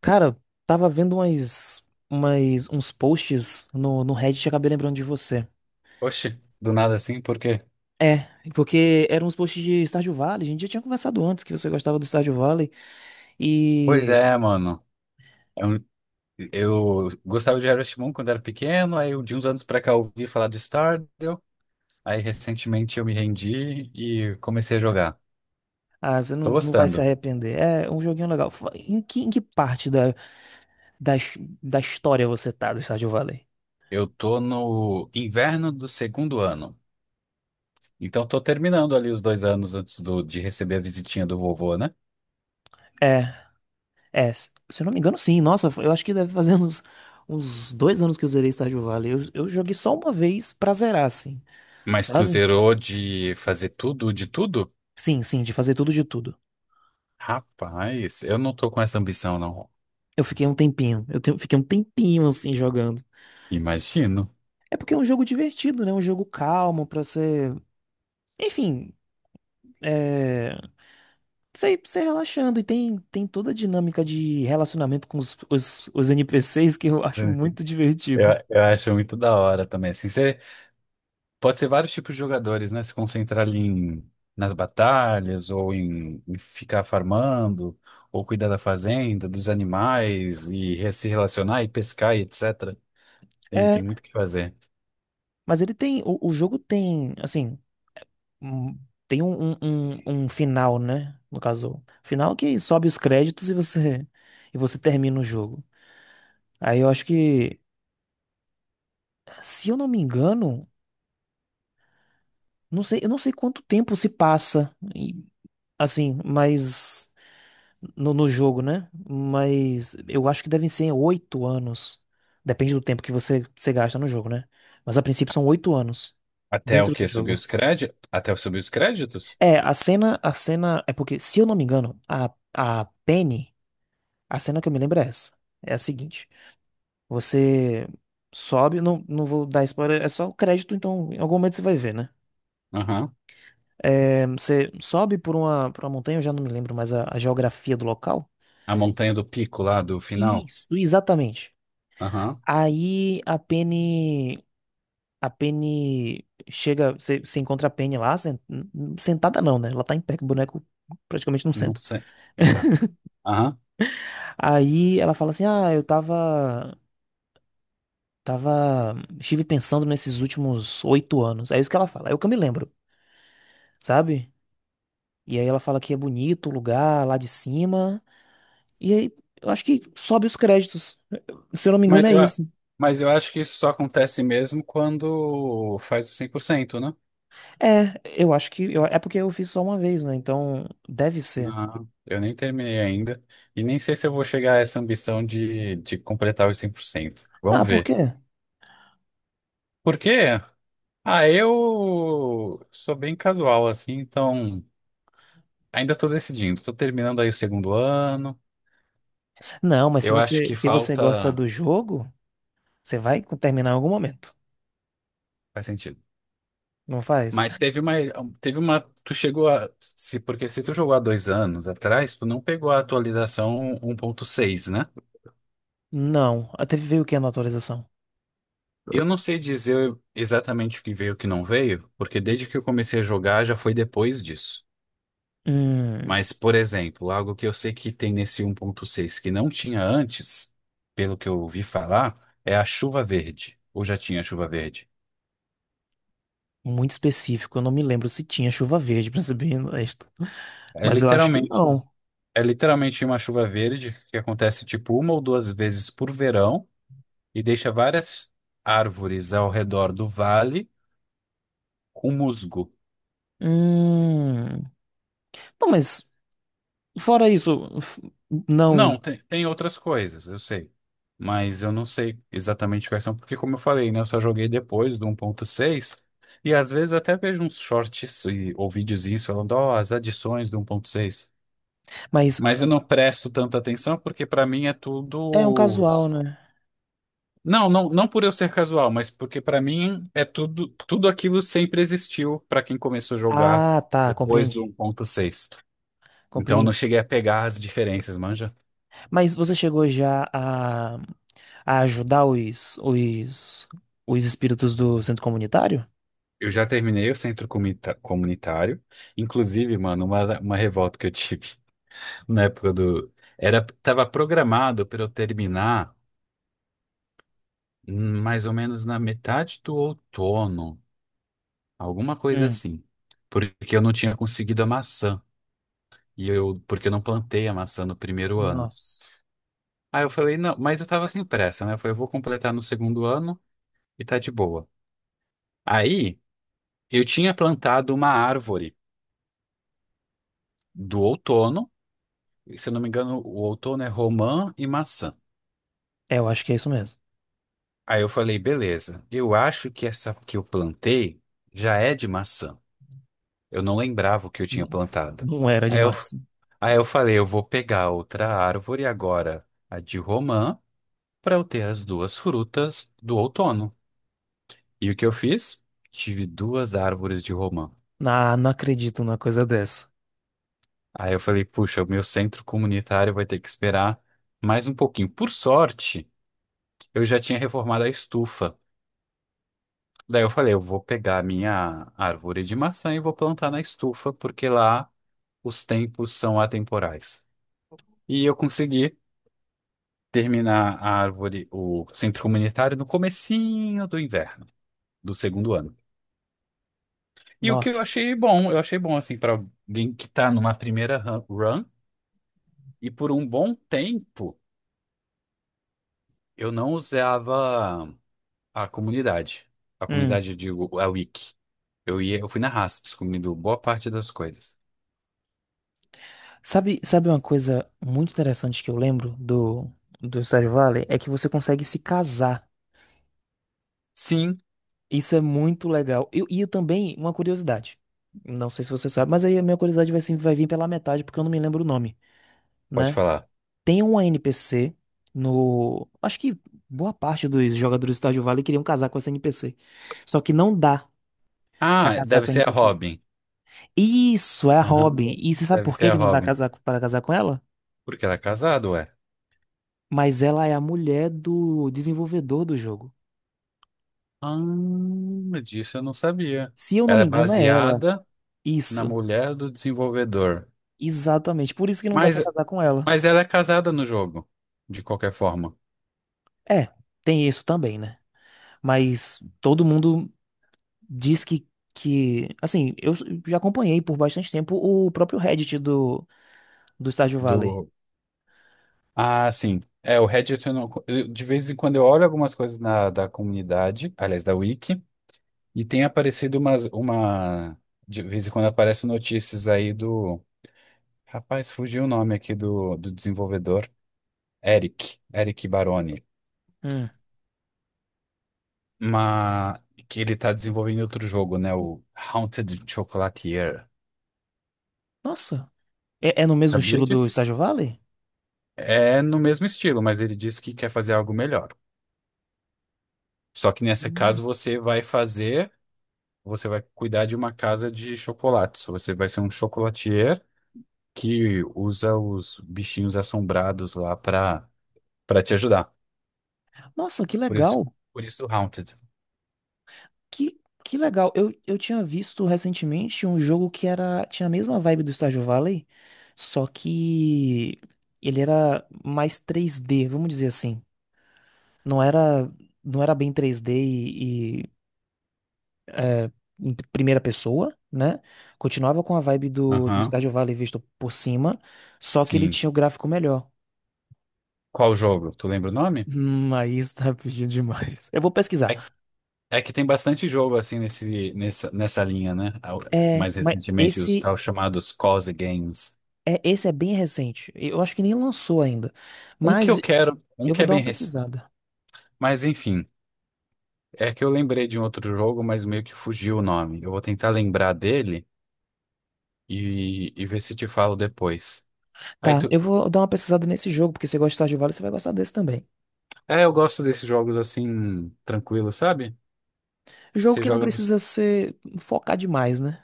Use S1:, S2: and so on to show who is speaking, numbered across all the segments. S1: Cara, tava vendo uns posts no Reddit e acabei lembrando de você.
S2: Oxe, do nada assim, por quê?
S1: É, porque eram uns posts de Stardew Valley. A gente já tinha conversado antes que você gostava do Stardew Valley.
S2: Pois
S1: E.
S2: é, mano. É um- gostava de Harvest Moon quando era pequeno, aí de uns anos pra cá eu ouvi falar de Stardew, aí recentemente eu me rendi e comecei a jogar.
S1: Ah, você
S2: Tô
S1: não vai se
S2: gostando.
S1: arrepender. É um joguinho legal. Em que parte da, da história você tá do Stardew Valley?
S2: Eu tô no inverno do segundo ano, então tô terminando ali os dois anos de receber a visitinha do vovô, né?
S1: É, é. Se eu não me engano, sim. Nossa, eu acho que deve fazer uns 2 anos que eu zerei Stardew Valley. Eu joguei só uma vez pra zerar, assim,
S2: Mas tu
S1: sabe?
S2: zerou de fazer tudo, de tudo?
S1: Sim, sim, de fazer tudo de tudo.
S2: Rapaz, eu não tô com essa ambição, não.
S1: Eu fiquei um tempinho. Fiquei um tempinho assim jogando.
S2: Imagino.
S1: É porque é um jogo divertido, né? Um jogo calmo pra ser. Enfim, é. Você relaxando. E tem toda a dinâmica de relacionamento com os NPCs que eu acho muito
S2: Eu,
S1: divertido.
S2: eu acho muito da hora também. Assim, você, pode ser vários tipos de jogadores, né? Se concentrar ali nas batalhas, ou em ficar farmando, ou cuidar da fazenda, dos animais, e se relacionar, e pescar, e etc. Tem,
S1: É,
S2: tem muito o que fazer.
S1: mas ele tem. O jogo tem, assim. um- Tem um final, né? No caso, final que sobe os créditos E você termina o jogo. Aí eu acho que, se eu não me engano. Não sei, eu não sei quanto tempo se passa, assim, mas no jogo, né? Mas eu acho que devem ser 8 anos. Depende do tempo que você gasta no jogo, né? Mas a princípio são 8 anos
S2: Até o
S1: dentro do
S2: quê? Subir
S1: jogo.
S2: os créditos? Até subir os créditos?
S1: É, a cena é porque, se eu não me engano, a Penny, a cena que eu me lembro é essa. É a seguinte: você sobe, não, não vou dar spoiler, é só o crédito, então em algum momento você vai ver, né?
S2: Aham.
S1: É, você sobe por uma montanha, eu já não me lembro mais a geografia do local.
S2: A montanha do pico lá do final?
S1: Isso, exatamente.
S2: Aham.
S1: Aí a Penny chega, você encontra a Penny lá, sentada não, né? Ela tá em pé, que o boneco praticamente não
S2: Não
S1: senta.
S2: sei. Exato. Aham.
S1: Aí ela fala assim, ah, eu tava, estive pensando nesses últimos 8 anos. É isso que ela fala, é o que eu me lembro, sabe? E aí ela fala que é bonito o lugar lá de cima, e aí, eu acho que sobe os créditos. Se eu não me
S2: Mas
S1: engano, é
S2: eu, a-
S1: isso.
S2: mas eu acho que isso só acontece mesmo quando faz o 100%, né?
S1: É, eu acho que. É porque eu fiz só uma vez, né? Então, deve ser.
S2: Não, eu nem terminei ainda. E nem sei se eu vou chegar a essa ambição de completar os 100%.
S1: Ah,
S2: Vamos
S1: por
S2: ver.
S1: quê?
S2: Por quê? Ah, eu sou bem casual assim, então ainda estou decidindo. Estou terminando aí o segundo ano.
S1: Não, mas se
S2: Eu acho
S1: você,
S2: que
S1: se você gosta
S2: falta.
S1: do jogo, você vai terminar em algum momento.
S2: Faz sentido.
S1: Não faz?
S2: Mas teve uma. Teve uma. Tu chegou a. Se, Porque se tu jogou há dois anos atrás, tu não pegou a atualização 1.6, né?
S1: Não. Até veio o que na atualização?
S2: Eu não sei dizer exatamente o que veio e o que não veio, porque desde que eu comecei a jogar já foi depois disso.
S1: Hum,
S2: Mas, por exemplo, algo que eu sei que tem nesse 1.6 que não tinha antes, pelo que eu ouvi falar, é a chuva verde. Ou já tinha chuva verde.
S1: muito específico. Eu não me lembro se tinha chuva verde, pra ser bem honesto.
S2: É
S1: Mas eu acho que
S2: literalmente,
S1: não.
S2: é literalmente uma chuva verde que acontece tipo uma ou duas vezes por verão e deixa várias árvores ao redor do vale com musgo.
S1: Hum. Não, mas fora isso, não.
S2: Não, tem outras coisas, eu sei. Mas eu não sei exatamente quais são, porque como eu falei, né, eu só joguei depois do 1.6, e às vezes eu até vejo uns shorts ou videozinhos falando, ó, as adições do 1.6.
S1: Mas
S2: Mas eu não presto tanta atenção, porque pra mim é
S1: é um
S2: tudo...
S1: casual, né?
S2: Não por eu ser casual, mas porque pra mim é tudo, tudo aquilo sempre existiu pra quem começou a jogar
S1: Ah, tá,
S2: depois do
S1: compreendi.
S2: 1.6. Então eu não
S1: Compreendi.
S2: cheguei a pegar as diferenças, manja?
S1: Mas você chegou já a ajudar os espíritos do centro comunitário?
S2: Eu já terminei o comunitário. Inclusive, mano, uma revolta que eu tive na época do. Era, tava programado para eu terminar mais ou menos na metade do outono, alguma coisa
S1: Hum.
S2: assim. Porque eu não tinha conseguido a maçã. Porque eu não plantei a maçã no primeiro ano.
S1: Nossa.
S2: Aí eu falei, não, mas eu tava sem pressa, né? Eu falei, eu vou completar no segundo ano e tá de boa. Aí eu tinha plantado uma árvore do outono. Se eu não me engano, o outono é romã e maçã.
S1: É, eu acho que é isso mesmo.
S2: Aí eu falei, beleza, eu acho que essa que eu plantei já é de maçã. Eu não lembrava o que eu tinha
S1: N-
S2: plantado.
S1: Não era
S2: Aí eu,
S1: demais.
S2: aí eu falei, eu vou pegar outra árvore agora, a de romã, para eu ter as duas frutas do outono. E o que eu fiz? Tive duas árvores de romã.
S1: Ah, não acredito numa coisa dessa.
S2: Aí eu falei, puxa, o meu centro comunitário vai ter que esperar mais um pouquinho. Por sorte, eu já tinha reformado a estufa. Daí eu falei, eu vou pegar a minha árvore de maçã e vou plantar na estufa, porque lá os tempos são atemporais. E eu consegui terminar a árvore, o centro comunitário, no comecinho do inverno, do segundo ano. E o que
S1: Nossa.
S2: eu achei bom, assim, para alguém que tá numa primeira run, e por um bom tempo eu não usava a comunidade. A
S1: Hum.
S2: comunidade, eu digo, a wiki. Eu fui na raça, descobrindo boa parte das coisas.
S1: Sabe uma coisa muito interessante que eu lembro do Stardew Valley? É que você consegue se casar.
S2: Sim,
S1: Isso é muito legal. E eu também, uma curiosidade. Não sei se você sabe, mas aí a minha curiosidade vai, se- vai vir pela metade, porque eu não me lembro o nome,
S2: pode
S1: né?
S2: falar.
S1: Tem uma NPC no. Acho que boa parte dos jogadores do Stardew Valley queriam casar com essa NPC. Só que não dá pra
S2: Ah,
S1: casar
S2: deve
S1: com a
S2: ser a
S1: NPC.
S2: Robin.
S1: Isso, é a
S2: Aham,
S1: Robin.
S2: de-
S1: E você sabe
S2: Deve
S1: por
S2: ser
S1: que
S2: a
S1: que não dá
S2: Robin.
S1: para casar com ela?
S2: Porque ela é casada, ué.
S1: Mas ela é a mulher do desenvolvedor do jogo.
S2: Ah, disso eu não sabia.
S1: Se eu não
S2: Ela é
S1: me engano, é ela.
S2: baseada na
S1: Isso,
S2: mulher do desenvolvedor.
S1: exatamente. Por isso que não dá
S2: Mas,
S1: pra casar com ela.
S2: mas ela é casada no jogo, de qualquer forma.
S1: É, tem isso também, né? Mas todo mundo diz que assim, eu já acompanhei por bastante tempo o próprio Reddit do Stardew Valley.
S2: Do... Ah, sim. É, o Reddit, eu não... de vez em quando eu olho algumas coisas na, da comunidade, aliás, da Wiki, e tem aparecido uma... De vez em quando aparecem notícias aí do... Rapaz, fugiu o nome aqui do desenvolvedor. Eric Baroni,
S1: Hum.
S2: mas que ele tá desenvolvendo outro jogo, né? O Haunted Chocolatier.
S1: Nossa, é no mesmo
S2: Sabia
S1: estilo do
S2: disso?
S1: Stardew Valley?
S2: É no mesmo estilo, mas ele disse que quer fazer algo melhor. Só que nesse
S1: Hum.
S2: caso você vai fazer, você vai cuidar de uma casa de chocolates. Você vai ser um chocolatier que usa os bichinhos assombrados lá pra para te ajudar.
S1: Nossa, que
S2: Por isso,
S1: legal.
S2: por isso Haunted.
S1: Que legal. Eu tinha visto recentemente um jogo que tinha a mesma vibe do Stardew Valley, só que ele era mais 3D vamos dizer assim. Não era, não era bem 3D e em primeira pessoa, né? Continuava com a vibe do
S2: Aham.
S1: Stardew Valley visto por cima, só que ele
S2: Sim.
S1: tinha o gráfico melhor.
S2: Qual jogo? Tu lembra o nome?
S1: Aí está pedindo demais. Eu vou pesquisar.
S2: É. É que tem bastante jogo assim nessa linha, né?
S1: É,
S2: Mais
S1: mas
S2: recentemente, os
S1: esse
S2: tal chamados cozy games.
S1: é, esse é bem recente. Eu acho que nem lançou ainda.
S2: Um que eu
S1: Mas
S2: quero, um
S1: eu
S2: que
S1: vou
S2: é
S1: dar
S2: bem
S1: uma
S2: recente.
S1: pesquisada.
S2: Mas enfim, é que eu lembrei de um outro jogo, mas meio que fugiu o nome. Eu vou tentar lembrar dele e ver se te falo depois. Aí
S1: Tá,
S2: tu.
S1: eu vou dar uma pesquisada nesse jogo, porque você gosta de Stardew Valley, você vai gostar desse também.
S2: É, eu gosto desses jogos assim, tranquilo, sabe?
S1: Jogo
S2: Você
S1: que não
S2: joga no.
S1: precisa ser focar demais, né?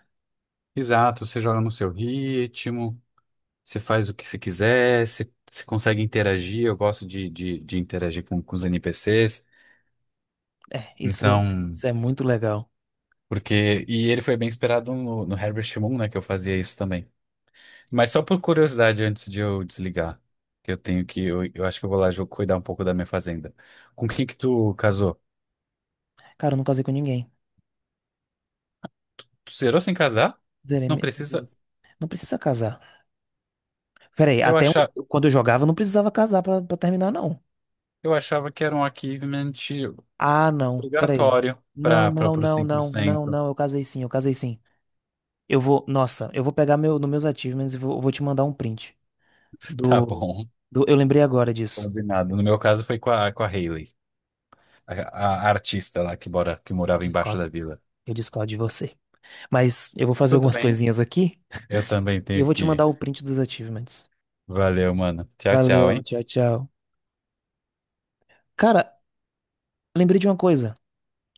S2: Exato, você joga no seu ritmo, você faz o que você quiser, você consegue interagir. Eu gosto de interagir com os NPCs.
S1: Isso,
S2: Então,
S1: isso é muito legal.
S2: porque. E ele foi bem inspirado no Harvest Moon, né? Que eu fazia isso também. Mas só por curiosidade, antes de eu desligar, que eu tenho que. Eu acho que eu vou lá cuidar um pouco da minha fazenda. Com quem que tu casou?
S1: Cara, eu não casei com ninguém.
S2: Tu zerou sem casar?
S1: Zerei
S2: Não
S1: me-.
S2: precisa.
S1: Não precisa casar. Peraí,
S2: Eu achava,
S1: quando eu jogava, eu não precisava casar pra terminar, não.
S2: eu achava que era um achievement
S1: Ah, não. Peraí.
S2: obrigatório
S1: Não,
S2: para
S1: não,
S2: os
S1: não,
S2: cem por
S1: não, não,
S2: cento.
S1: não. Eu casei sim, eu casei sim. Eu vou, nossa, eu vou pegar nos meus achievements e vou te mandar um print
S2: Tá
S1: do,
S2: bom.
S1: do. Eu lembrei agora disso.
S2: Combinado. No meu caso foi com a Hayley, a artista lá que
S1: Eu
S2: morava embaixo
S1: discordo.
S2: da vila.
S1: Eu discordo de você. Mas eu vou fazer
S2: Tudo
S1: algumas
S2: bem.
S1: coisinhas aqui
S2: Eu também
S1: e eu
S2: tenho
S1: vou te
S2: que.
S1: mandar o print dos achievements.
S2: Valeu, mano. Tchau, tchau,
S1: Valeu,
S2: hein?
S1: tchau, tchau. Cara, lembrei de uma coisa.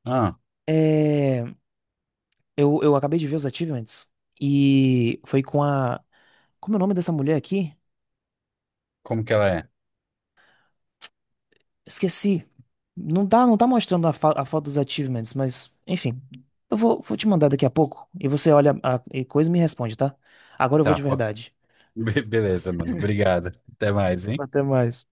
S2: Ah,
S1: É. Eu acabei de ver os achievements e foi com a. Como é o nome dessa mulher aqui?
S2: como que ela é?
S1: Esqueci. Não tá, não tá mostrando a foto dos achievements, mas enfim. Eu vou te mandar daqui a pouco e você olha a coisa e me responde, tá? Agora eu vou de
S2: Tá, ó.
S1: verdade.
S2: Beleza, mano. Obrigado. Até mais, hein?
S1: Até mais.